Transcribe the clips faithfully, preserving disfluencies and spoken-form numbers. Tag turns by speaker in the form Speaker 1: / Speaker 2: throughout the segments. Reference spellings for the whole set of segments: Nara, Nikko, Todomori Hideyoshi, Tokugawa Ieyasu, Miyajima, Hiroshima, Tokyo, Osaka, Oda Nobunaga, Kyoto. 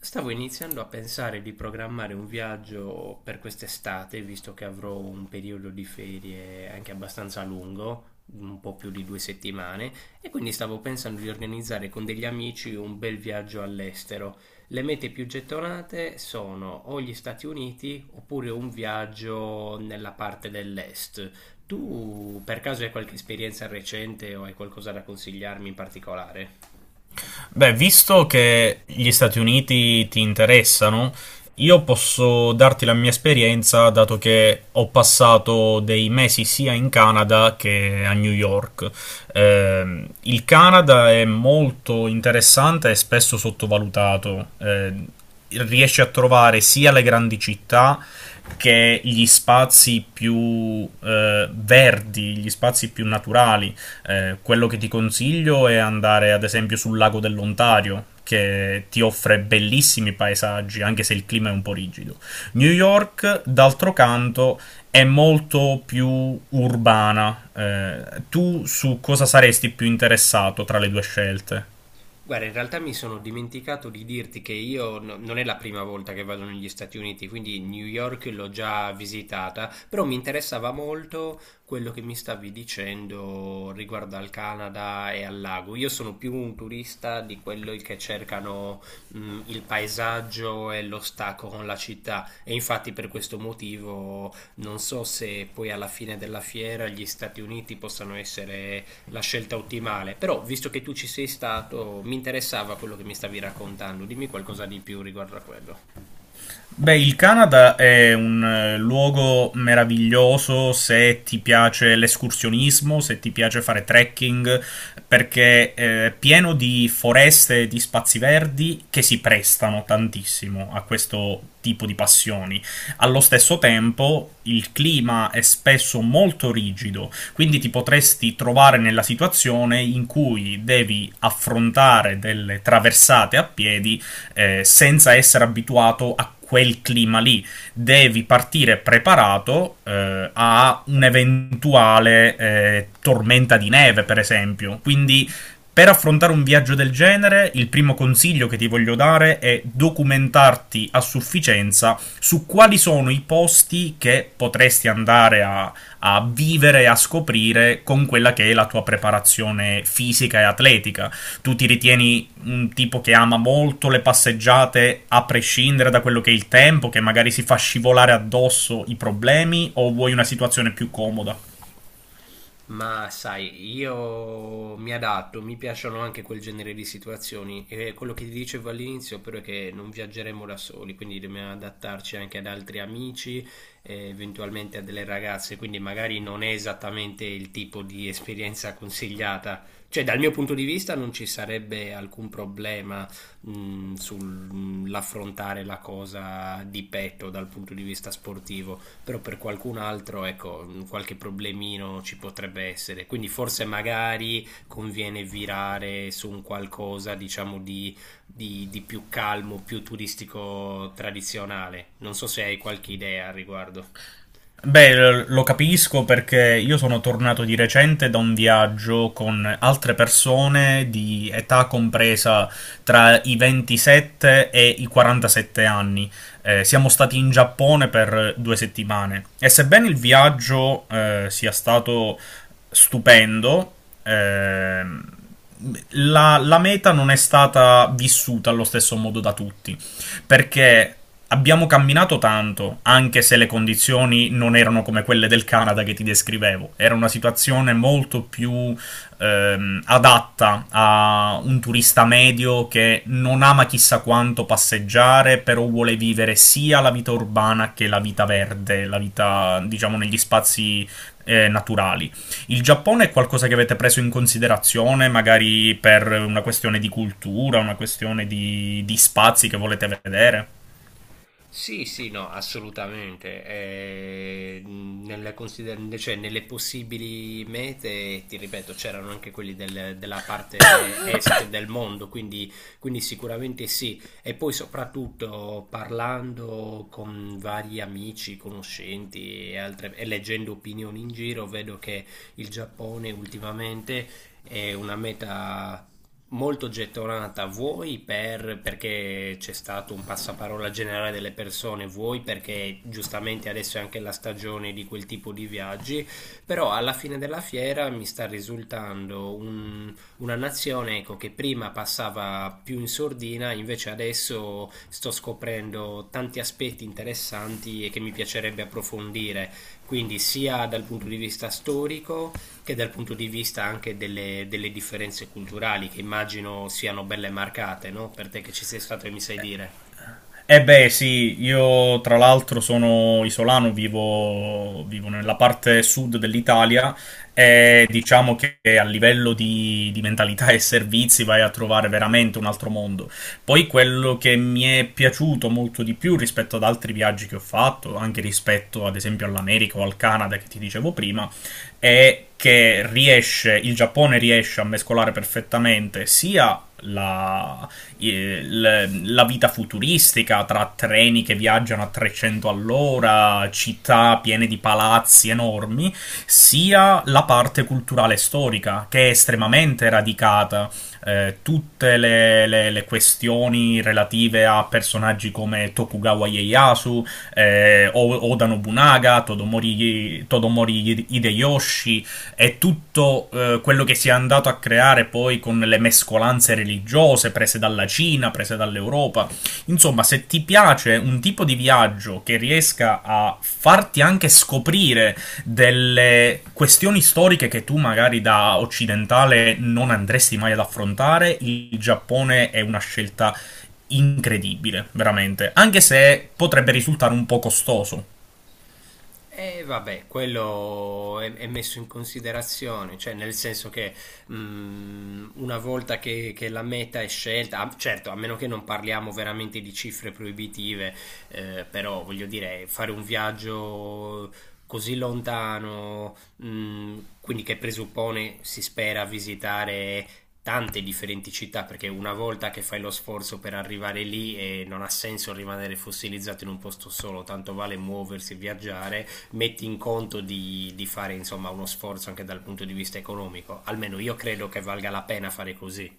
Speaker 1: Stavo iniziando a pensare di programmare un viaggio per quest'estate, visto che avrò un periodo di ferie anche abbastanza lungo, un po' più di due settimane, e quindi stavo pensando di organizzare con degli amici un bel viaggio all'estero. Le mete più gettonate sono o gli Stati Uniti oppure un viaggio nella parte dell'est. Tu per caso hai qualche esperienza recente o hai qualcosa da consigliarmi in particolare?
Speaker 2: Beh, visto che gli Stati Uniti ti interessano, io posso darti la mia esperienza, dato che ho passato dei mesi sia in Canada che a New York. Ehm, il Canada è molto interessante e spesso sottovalutato. Ehm, riesce a trovare sia le grandi città che gli spazi più eh, verdi, gli spazi più naturali. Eh, quello che ti consiglio è andare ad esempio sul lago dell'Ontario, che ti offre bellissimi paesaggi, anche se il clima è un po' rigido. New York, d'altro canto, è molto più urbana. Eh, tu su cosa saresti più interessato tra le due scelte?
Speaker 1: Guarda, in realtà mi sono dimenticato di dirti che io no- non è la prima volta che vado negli Stati Uniti, quindi New York l'ho già visitata, però mi interessava molto quello che mi stavi dicendo riguardo al Canada e al lago. Io sono più un turista di quelli che cercano, mh, il paesaggio e lo stacco con la città, e infatti per questo motivo non so se poi alla fine della fiera gli Stati Uniti possano essere la scelta ottimale. Però, visto che tu ci sei stato, mi interessava quello che mi stavi raccontando. Dimmi qualcosa di più riguardo a quello.
Speaker 2: Beh, il Canada è un eh, luogo meraviglioso se ti piace l'escursionismo, se ti piace fare trekking, perché eh, è pieno di foreste e di spazi verdi che si prestano tantissimo a questo tipo di passioni. Allo stesso tempo, il clima è spesso molto rigido, quindi ti potresti trovare nella situazione in cui devi affrontare delle traversate a piedi eh, senza essere abituato a quel clima lì. Devi partire preparato eh, a un'eventuale eh, tormenta di neve, per esempio. Quindi. Per affrontare un viaggio del genere, il primo consiglio che ti voglio dare è documentarti a sufficienza su quali sono i posti che potresti andare a, a vivere e a scoprire con quella che è la tua preparazione fisica e atletica. Tu ti ritieni un tipo che ama molto le passeggiate a prescindere da quello che è il tempo, che magari si fa scivolare addosso i problemi, o vuoi una situazione più comoda?
Speaker 1: Ma sai, io mi adatto, mi piacciono anche quel genere di situazioni, e quello che ti dicevo all'inizio però è che non viaggeremo da soli, quindi dobbiamo adattarci anche ad altri amici e eventualmente a delle ragazze, quindi magari non è esattamente il tipo di esperienza consigliata. Cioè, dal mio punto di vista non ci sarebbe alcun problema mh, sull'affrontare la cosa di petto dal punto di vista sportivo, però per qualcun altro ecco qualche problemino ci potrebbe essere, quindi forse magari conviene virare su un qualcosa diciamo di, di, di, più calmo, più turistico, tradizionale. Non so se hai qualche idea al riguardo.
Speaker 2: Beh, lo capisco perché io sono tornato di recente da un viaggio con altre persone di età compresa tra i ventisette e i quarantasette anni. Eh, siamo stati in Giappone per due settimane e sebbene il viaggio eh, sia stato stupendo, ehm, la, la meta non è stata vissuta allo stesso modo da tutti perché abbiamo camminato tanto, anche se le condizioni non erano come quelle del Canada che ti descrivevo, era una situazione molto più ehm, adatta a un turista medio che non ama chissà quanto passeggiare, però vuole vivere sia la vita urbana che la vita verde, la vita diciamo negli spazi eh, naturali. Il Giappone è qualcosa che avete preso in considerazione, magari per una questione di cultura, una questione di, di spazi che volete vedere?
Speaker 1: Sì, sì, no, assolutamente. Eh, nelle, consider- cioè, nelle possibili mete, ti ripeto, c'erano anche quelli del- della parte est del mondo, quindi, quindi sicuramente sì. E poi soprattutto parlando con vari amici, conoscenti e altre- e leggendo opinioni in giro, vedo che il Giappone ultimamente è una meta molto gettonata, vuoi per, perché c'è stato un passaparola generale delle persone, vuoi perché giustamente adesso è anche la stagione di quel tipo di viaggi, però alla fine della fiera mi sta risultando un- una nazione, ecco, che prima passava più in sordina, invece adesso sto scoprendo tanti aspetti interessanti e che mi piacerebbe approfondire, quindi sia dal punto di vista storico, che dal punto di vista anche delle, delle differenze culturali, che immagino siano belle marcate, no? Per te che ci sei stato e mi sai dire.
Speaker 2: Eh beh, sì, io tra l'altro sono isolano, vivo, vivo nella parte sud dell'Italia e diciamo che a livello di, di mentalità e servizi vai a trovare veramente un altro mondo. Poi quello che mi è piaciuto molto di più rispetto ad altri viaggi che ho fatto, anche rispetto ad esempio all'America o al Canada che ti dicevo prima, è che riesce, il Giappone riesce a mescolare perfettamente sia la eh, l- la vita futuristica tra treni che viaggiano a trecento all'ora, città piene di palazzi enormi, sia la parte culturale e storica che è estremamente radicata. Eh, tutte le, le- le questioni relative a personaggi come Tokugawa Ieyasu, eh, O- Oda Nobunaga, Todomori, Todomori Hideyoshi, è tutto eh, quello che si è andato a creare poi con le mescolanze religiose prese dalla Cina, prese dall'Europa. Insomma, se ti piace un tipo di viaggio che riesca a farti anche scoprire delle questioni storiche che tu magari da occidentale non andresti mai ad affrontare, il Giappone è una scelta incredibile, veramente, anche se potrebbe risultare un po' costoso.
Speaker 1: E vabbè, quello è, è messo in considerazione, cioè nel senso che mh, una volta che, che, la meta è scelta, ah, certo, a meno che non parliamo veramente di cifre proibitive, eh, però voglio dire, fare un viaggio così lontano, mh, quindi che presuppone, si spera, visitare tante differenti città, perché una volta che fai lo sforzo per arrivare lì eh, non ha senso rimanere fossilizzato in un posto solo, tanto vale muoversi e viaggiare, metti in conto di, di fare insomma uno sforzo anche dal punto di vista economico. Almeno io credo che valga la pena fare così.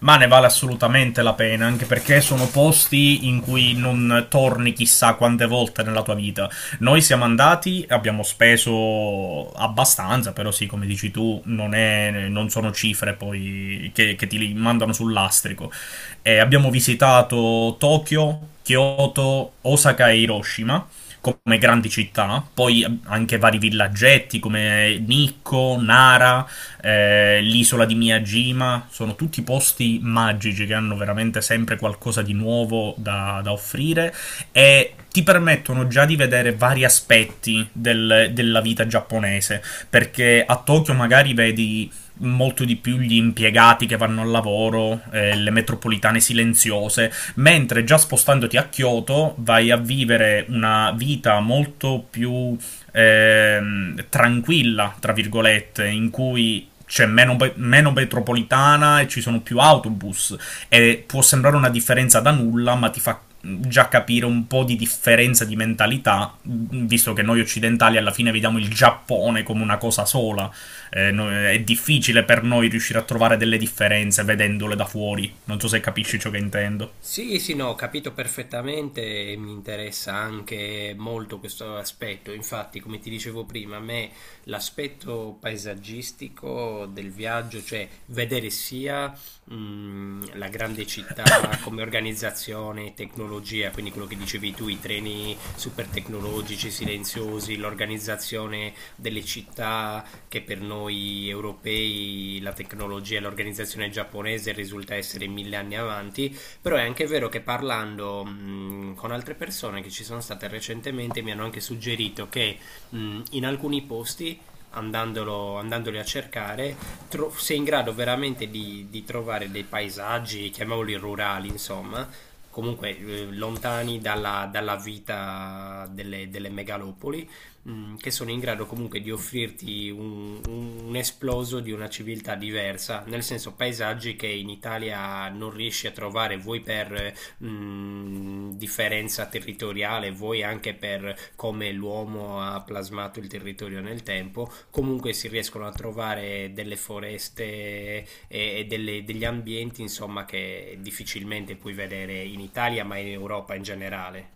Speaker 2: Ma ne vale assolutamente la pena, anche perché sono posti in cui non torni chissà quante volte nella tua vita. Noi siamo andati, abbiamo speso abbastanza, però sì, come dici tu, non, è, non sono cifre poi che, che ti mandano sul lastrico. eh, abbiamo visitato Tokyo, Kyoto, Osaka e Hiroshima come grandi città, no? Poi anche vari villaggetti come Nikko, Nara, eh, l'isola di Miyajima, sono tutti posti magici che hanno veramente sempre qualcosa di nuovo da, da offrire e ti permettono già di vedere vari aspetti del- della vita giapponese, perché a Tokyo magari vedi molto di più gli impiegati che vanno al lavoro, eh, le metropolitane silenziose, mentre già spostandoti a Kyoto vai a vivere una vita molto più ehm, tranquilla, tra virgolette, in cui c'è meno, be- meno metropolitana e ci sono più autobus, e può sembrare una differenza da nulla, ma ti fa già capire un po' di differenza di mentalità, visto che noi occidentali alla fine vediamo il Giappone come una cosa sola. Eh, no- è difficile per noi riuscire a trovare delle differenze vedendole da fuori. Non so se capisci ciò che intendo.
Speaker 1: Sì, sì, no, ho capito perfettamente e mi interessa anche molto questo aspetto. Infatti, come ti dicevo prima, a me l'aspetto paesaggistico del viaggio, cioè vedere sia mh, la grande città come organizzazione, tecnologia, quindi quello che dicevi tu, i treni super tecnologici, silenziosi, l'organizzazione delle città, che per noi europei la tecnologia e l'organizzazione giapponese risulta essere mille anni avanti. Però è anche vero che parlando mh, con altre persone che ci sono state recentemente, mi hanno anche suggerito che mh, in alcuni posti andandolo, andandoli a cercare, tro- sei in grado veramente di, di, trovare dei paesaggi, chiamiamoli rurali, insomma, comunque eh, lontani dalla, dalla, vita delle, delle megalopoli, mh, che sono in grado comunque di offrirti un, un- un esploso di una civiltà diversa, nel senso paesaggi che in Italia non riesci a trovare, vuoi per mh, differenza territoriale, vuoi anche per come l'uomo ha plasmato il territorio nel tempo, comunque si riescono a trovare delle foreste e, e delle- degli ambienti, insomma, che difficilmente puoi vedere in Italia, ma in Europa in generale.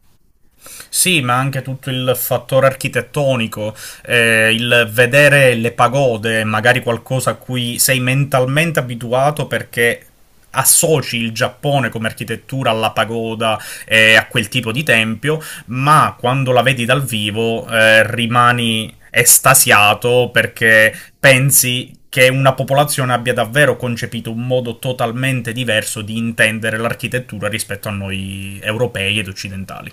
Speaker 2: Sì, ma anche tutto il fattore architettonico, eh, il vedere le pagode, magari qualcosa a cui sei mentalmente abituato perché associ il Giappone come architettura alla pagoda e eh, a quel tipo di tempio, ma quando la vedi dal vivo eh, rimani estasiato perché pensi che una popolazione abbia davvero concepito un modo totalmente diverso di intendere l'architettura rispetto a noi europei ed occidentali.